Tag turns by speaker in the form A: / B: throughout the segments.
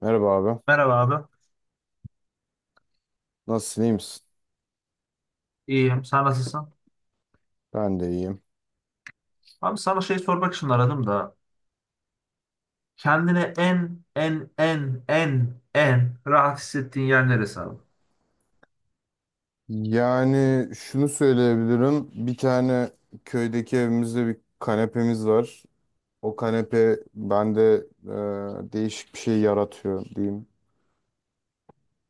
A: Merhaba abi.
B: Merhaba abi.
A: Nasılsın, iyi misin?
B: İyiyim. Sen nasılsın?
A: Ben de iyiyim.
B: Abi sana şey sormak için aradım da. Kendine en rahat hissettiğin yer neresi abi?
A: Yani şunu söyleyebilirim. Bir tane köydeki evimizde bir kanepemiz var. O kanepe bende değişik bir şey yaratıyor diyeyim.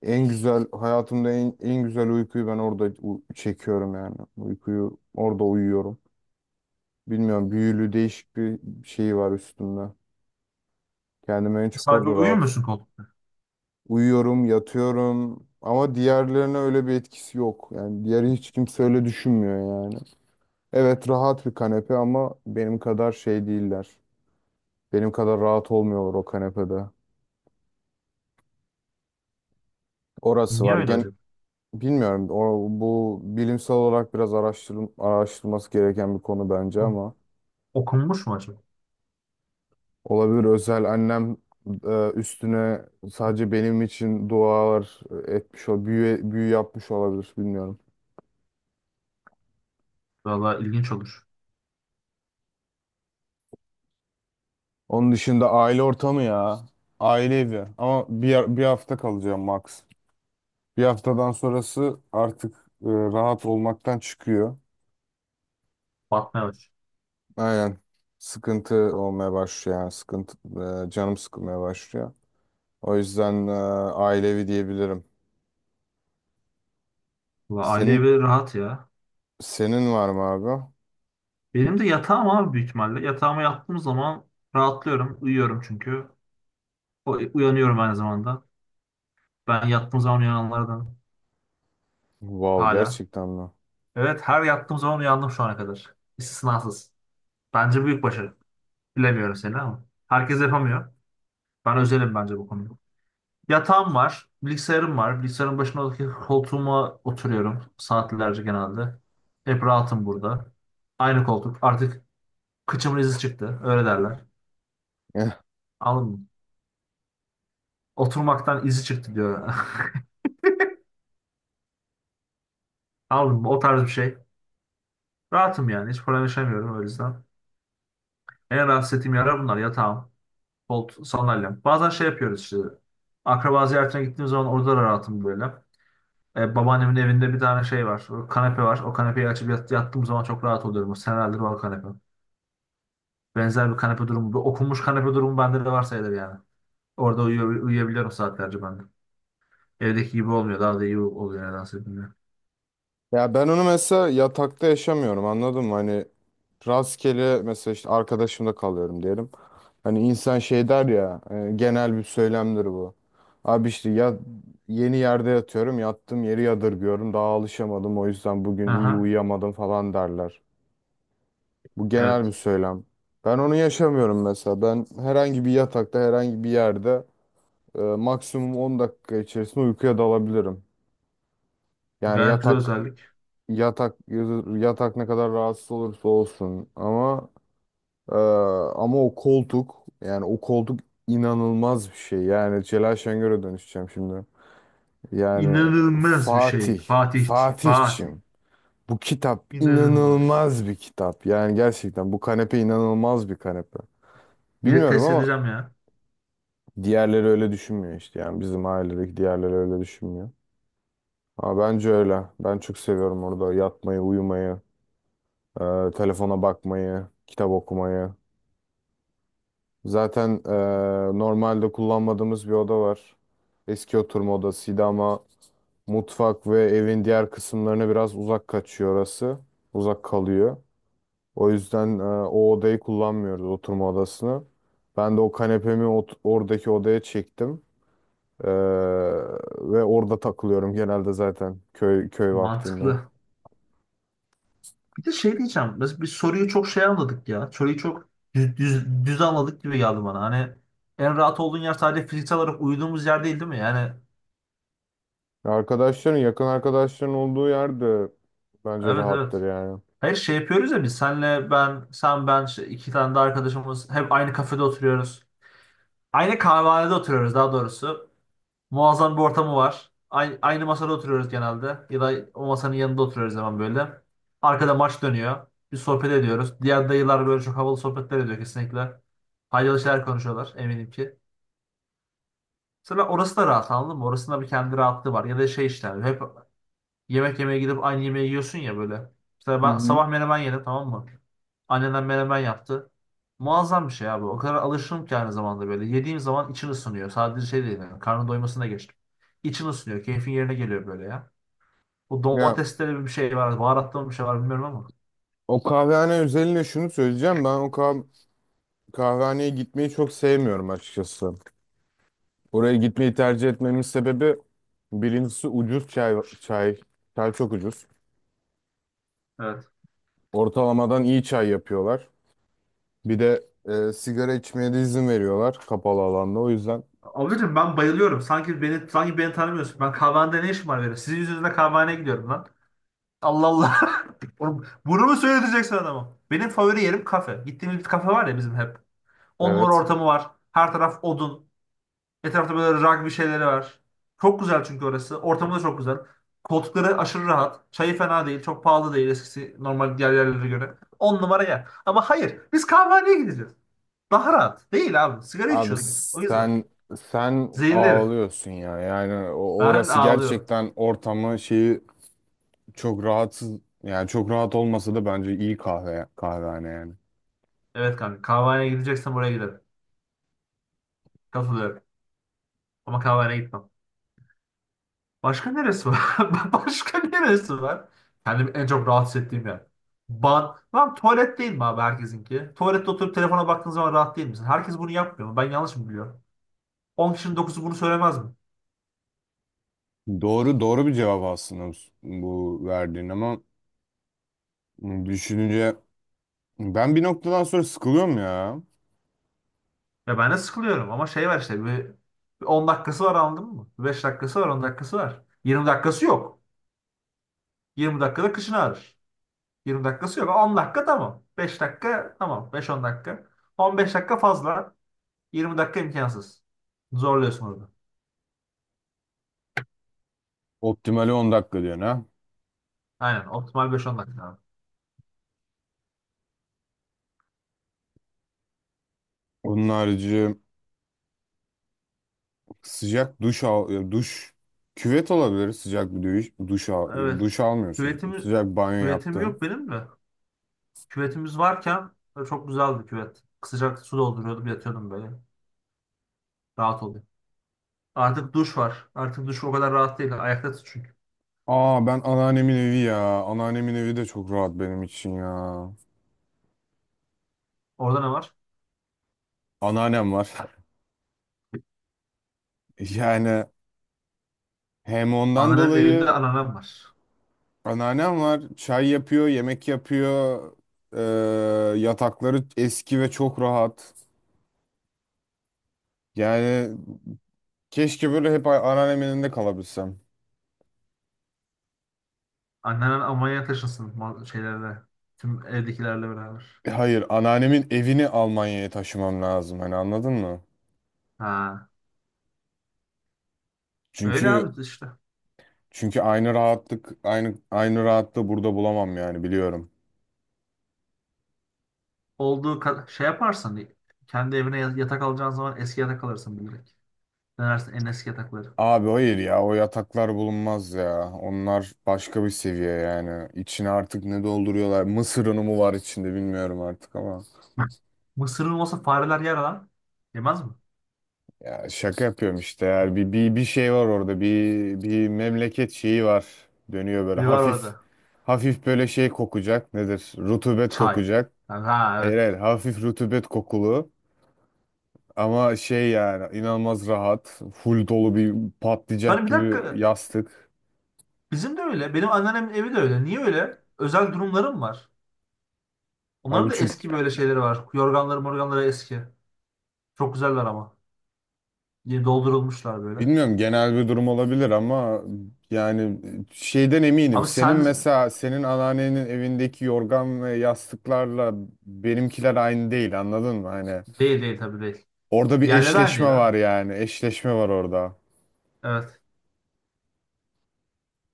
A: En güzel, hayatımda en güzel uykuyu ben orada çekiyorum yani. Uykuyu orada uyuyorum. Bilmiyorum, büyülü değişik bir şey var üstümde. Kendimi en çok
B: Sadece
A: orada
B: uyuyor
A: rahat.
B: musun koltukta?
A: Uyuyorum, yatıyorum ama diğerlerine öyle bir etkisi yok. Yani diğeri hiç kimse öyle düşünmüyor yani. Evet, rahat bir kanepe ama benim kadar şey değiller. Benim kadar rahat olmuyorlar o kanepede. Orası
B: Niye
A: var.
B: öyle acaba?
A: Bilmiyorum. O, bu bilimsel olarak biraz araştırılması gereken bir konu bence
B: Hı.
A: ama
B: Okunmuş mu acaba?
A: olabilir. Özel annem üstüne sadece benim için dualar etmiş, o büyü yapmış olabilir, bilmiyorum.
B: Valla ilginç olur.
A: Onun dışında aile ortamı ya. Aile evi. Ama bir hafta kalacağım max. Bir haftadan sonrası artık rahat olmaktan çıkıyor.
B: Batmaya aç.
A: Aynen. Sıkıntı olmaya başlıyor yani. Sıkıntı, canım sıkılmaya başlıyor. O yüzden aile diyebilirim.
B: Valla aile
A: Senin
B: evi rahat ya.
A: senin var mı abi?
B: Benim de yatağım abi büyük ihtimalle. Yatağıma yattığım zaman rahatlıyorum. Uyuyorum çünkü. Uyanıyorum aynı zamanda. Ben yattığım zaman uyananlardan
A: Wow,
B: hala.
A: gerçekten mi?
B: Evet, her yattığım zaman uyandım şu ana kadar. İstisnasız. Bence büyük başarı. Bilemiyorum seni ama. Herkes yapamıyor. Ben özelim bence bu konuda. Yatağım var, bilgisayarım var. Bilgisayarın başındaki koltuğuma oturuyorum. Saatlerce genelde. Hep rahatım burada. Aynı koltuk. Artık kıçımın izi çıktı. Öyle derler. Anladın mı? Oturmaktan izi çıktı diyor. Anladın mı? O tarz bir şey. Rahatım yani. Hiç problem yaşamıyorum o yüzden. En rahatsız ettiğim yerler bunlar. Yatağım, koltuğum, sandalyem. Bazen şey yapıyoruz işte. Akraba ziyaretine gittiğim zaman orada da rahatım böyle. Babaannemin evinde bir tane şey var. O kanepe var. O kanepeyi açıp yattığım zaman çok rahat oluyorum. O senelerdir var kanepe. Benzer bir kanepe durumu. Bir okunmuş kanepe durumu bende de var sayılır yani. Orada uyuyor, uyuyabiliyorum saatlerce ben de. Evdeki gibi olmuyor. Daha da iyi oluyor nedense, bilmiyorum.
A: Ya ben onu mesela yatakta yaşamıyorum, anladın mı? Hani rastgele mesela işte arkadaşımda kalıyorum diyelim. Hani insan şey der ya, genel bir söylemdir bu. Abi işte ya, yeni yerde yatıyorum, yattığım yeri yadırgıyorum, daha alışamadım, o yüzden bugün iyi
B: Aha,
A: uyuyamadım falan derler. Bu genel bir
B: evet.
A: söylem. Ben onu yaşamıyorum mesela. Ben herhangi bir yatakta herhangi bir yerde maksimum 10 dakika içerisinde uykuya dalabilirim. Yani
B: Gayet güzel
A: yatak
B: özellik.
A: Yatak yatak ne kadar rahatsız olursa olsun, e, ama o koltuk yani o koltuk inanılmaz bir şey. Yani Celal Şengör'e dönüşeceğim şimdi. Yani
B: İnanılmaz bir şey.
A: Fatih,
B: Fatih. Fatih.
A: Fatihçim, bu kitap
B: İnanılmaz.
A: inanılmaz bir kitap. Yani gerçekten bu kanepe inanılmaz bir kanepe.
B: Geri
A: Bilmiyorum
B: test
A: ama
B: edeceğim ya.
A: diğerleri öyle düşünmüyor işte. Yani bizim ailedeki diğerleri öyle düşünmüyor. Ama bence öyle. Ben çok seviyorum orada yatmayı, uyumayı. Telefona bakmayı, kitap okumayı. Zaten normalde kullanmadığımız bir oda var. Eski oturma odasıydı ama mutfak ve evin diğer kısımlarına biraz uzak kaçıyor orası. Uzak kalıyor. O yüzden o odayı kullanmıyoruz, oturma odasını. Ben de o kanepemi oradaki odaya çektim. Ee, ve orada takılıyorum genelde, zaten köy vaktinde.
B: Mantıklı. Bir de şey diyeceğim. Biz soruyu çok şey anladık ya. Soruyu çok düz anladık gibi geldi bana. Hani en rahat olduğun yer sadece fiziksel olarak uyuduğumuz yer değil, değil mi? Yani
A: Arkadaşların, yakın arkadaşların olduğu yerde bence
B: evet,
A: rahattır
B: evet.
A: yani.
B: Hayır, şey yapıyoruz ya, biz senle ben, sen ben işte iki tane de arkadaşımız, hep aynı kafede oturuyoruz. Aynı kahvehanede oturuyoruz daha doğrusu. Muazzam bir ortamı var. Aynı masada oturuyoruz genelde. Ya da o masanın yanında oturuyoruz hemen böyle. Arkada maç dönüyor. Bir sohbet ediyoruz. Diğer dayılar böyle çok havalı sohbetler ediyor kesinlikle. Faydalı şeyler konuşuyorlar eminim ki. Sonra orası da rahat, anladın mı? Orasında bir kendi rahatlığı var. Ya da şey işte hep. Yemek yemeye gidip aynı yemeği yiyorsun ya böyle. Mesela
A: Hı
B: ben
A: hı.
B: sabah menemen yedim, tamam mı? Annemden, menemen yaptı. Muazzam bir şey abi. O kadar alışırım ki aynı zamanda böyle. Yediğim zaman için ısınıyor. Sadece şey değil yani. Karnın doymasına geçtim. İçin ısınıyor. Keyfin yerine geliyor böyle ya. Bu
A: Ya,
B: domatesleri bir şey var. Baharatlı mı bir şey var bilmiyorum ama.
A: o kahvehane özelinde şunu söyleyeceğim. Ben o kah kahvehaneye gitmeyi çok sevmiyorum açıkçası. Oraya gitmeyi tercih etmemin sebebi birincisi ucuz çay. Çay, çay çok ucuz.
B: Evet.
A: Ortalamadan iyi çay yapıyorlar. Bir de sigara içmeye de izin veriyorlar kapalı alanda. O yüzden
B: Abicim ben bayılıyorum. Sanki beni tanımıyorsun. Ben kahvehanede ne işim var benim? Sizin yüzünüzden kahvehaneye gidiyorum lan. Allah Allah. Oğlum, bunu mu söyleteceksin adama? Benim favori yerim kafe. Gittiğimiz bir kafe var ya bizim, hep. On numara
A: evet.
B: ortamı var. Her taraf odun. Etrafta böyle rugby şeyleri var. Çok güzel çünkü orası. Ortamı da çok güzel. Koltukları aşırı rahat. Çayı fena değil. Çok pahalı değil, eskisi normal diğer yerlere göre. On numara yer. Ama hayır. Biz kahvehaneye gideceğiz. Daha rahat. Değil abi. Sigara
A: Abi
B: içiyoruz. O yüzden.
A: sen
B: Zehirli herif.
A: ağlıyorsun ya. Yani
B: Ben
A: orası
B: ağlıyorum.
A: gerçekten ortamı şeyi. Çok rahatsız, yani çok rahat olmasa da bence iyi kahvehane yani.
B: Evet kanka. Kahvehaneye gideceksen buraya gidelim. Katılıyorum. Ama kahvehaneye gitmem. Başka neresi var? Başka neresi var? Kendimi en çok rahatsız ettiğim yer. Lan, tuvalet değil mi abi, herkesinki? Tuvalette oturup telefona baktığın zaman rahat değil misin? Herkes bunu yapmıyor mu? Ben yanlış mı biliyorum? 10 kişinin 9'u bunu söylemez mi?
A: Doğru doğru bir cevap aslında bu verdiğin, ama düşününce ben bir noktadan sonra sıkılıyorum ya.
B: Ya ben de sıkılıyorum ama şey var işte, bir 10 dakikası var, anladın mı? 5 dakikası var, 10 dakikası var. Yirmi dakikası yok. 20 dakikada kışın ağrır. 20 dakikası yok. On dakika tamam. 5 dakika tamam. 5-10 dakika. On beş dakika fazla. Yirmi dakika imkansız. Zorluyorsun orada.
A: Optimali 10 dakika diyorsun ha.
B: Aynen, optimal beş on dakika abi.
A: Onun harici sıcak duş al, duş, küvet olabilir, sıcak bir duş al yani,
B: Evet.
A: duş almıyorsun,
B: Küvetim,
A: sıcak banyo
B: küvetim
A: yaptın.
B: yok benim de. Küvetimiz varken çok güzeldi küvet. Sıcak su dolduruyordum, yatıyordum böyle. Rahat oluyor. Artık duş var. Artık duş o kadar rahat değil. Ayakta tut çünkü.
A: Aa, ben anneannemin evi ya, anneannemin evi de çok rahat benim için ya.
B: Orada ne var?
A: Anneannem var, yani. Hem ondan
B: Annenin evinde
A: dolayı
B: anneannem var.
A: anneannem var. Çay yapıyor, yemek yapıyor. Ee, yatakları eski ve çok rahat. Yani keşke böyle hep anneannemin elinde kalabilsem.
B: Anneannem Almanya'ya taşınsın şeylerle. Tüm evdekilerle beraber.
A: Hayır, anneannemin evini Almanya'ya taşımam lazım. Hani, anladın mı?
B: Ha. Öyle
A: Çünkü
B: abi işte.
A: çünkü aynı rahatlık, aynı rahatlığı burada bulamam yani, biliyorum.
B: Olduğu kadar şey yaparsan, kendi evine yatak alacağın zaman eski yatak alırsın bilerek. Denersin en eski yatakları.
A: Abi hayır ya, o yataklar bulunmaz ya. Onlar başka bir seviye yani. İçine artık ne dolduruyorlar? Mısır unu mu var içinde, bilmiyorum artık ama.
B: Mısır'ın olsa fareler yer lan. Yemez mi?
A: Ya, şaka yapıyorum işte. Yani bir şey var orada. Bir memleket şeyi var. Dönüyor böyle
B: Bir var
A: hafif.
B: orada.
A: Hafif böyle şey kokacak. Nedir? Rutubet
B: Çay.
A: kokacak.
B: Yani, ha,
A: Hayır,
B: evet.
A: hayır. Hafif rutubet kokulu. Ama şey yani, inanılmaz rahat. Full dolu bir patlayacak
B: Hani bir
A: gibi
B: dakika.
A: yastık.
B: Bizim de öyle. Benim anneannemin evi de öyle. Niye öyle? Özel durumlarım var.
A: Abi
B: Onların da
A: çünkü
B: eski böyle şeyleri var. Yorganları morganları eski. Çok güzeller ama. Yeni doldurulmuşlar böyle.
A: bilmiyorum, genel bir durum olabilir ama yani şeyden eminim.
B: Abi
A: Senin
B: sen...
A: mesela senin anneannenin evindeki yorgan ve yastıklarla benimkiler aynı değil, anladın mı? Hani,
B: Değil, değil, tabii değil.
A: orada bir
B: Yerleri aynı
A: eşleşme
B: değil
A: var
B: ha.
A: yani. Eşleşme var orada.
B: Evet.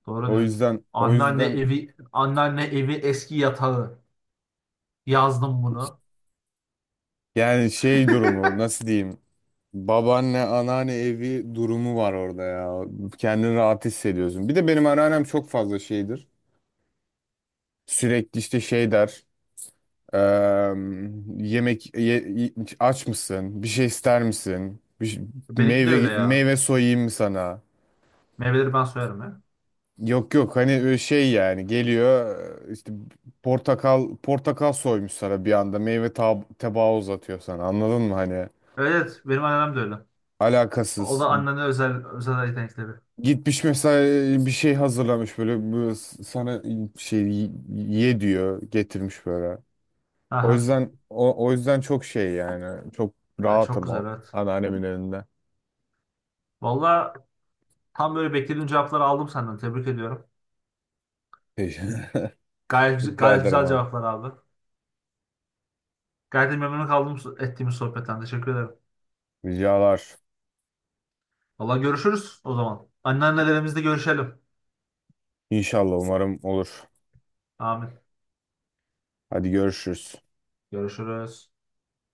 B: Doğru
A: O
B: diyor.
A: yüzden,
B: Anneanne evi, anneanne evi eski yatağı. Yazdım bunu.
A: yani şey durumu, nasıl diyeyim? Babaanne, anneanne evi durumu var orada ya. Kendini rahat hissediyorsun. Bir de benim anneannem çok fazla şeydir. Sürekli işte şey der. eee, yemek aç mısın? Bir şey ister misin?
B: Benimki de öyle
A: Meyve
B: ya.
A: meyve soyayım mı sana?
B: Meyveleri ben soyarım ya.
A: Yok, yok, hani şey yani geliyor, işte portakal soymuş sana, bir anda meyve tabağı uzatıyor sana, anladın mı hani,
B: Evet, benim annem de öyle. O
A: alakasız
B: da annenin özel özel yetenekleri.
A: gitmiş mesela, bir şey hazırlamış böyle, bu sana şey ye diyor, getirmiş böyle. O
B: Aha.
A: yüzden, o yüzden çok şey yani, çok
B: Ha, çok
A: rahatım
B: güzel,
A: o
B: evet.
A: anneannemin elinde.
B: Valla, tam böyle beklediğim cevapları aldım senden. Tebrik ediyorum. Gayet, güz-
A: Rica
B: gayet
A: ederim
B: güzel
A: abi,
B: cevaplar abi. Gayet de memnun kaldım ettiğimiz sohbetten. Teşekkür ederim.
A: ricalar.
B: Valla, görüşürüz o zaman. Anneannelerimizle görüşelim.
A: İnşallah umarım olur,
B: Amin.
A: hadi görüşürüz.
B: Görüşürüz.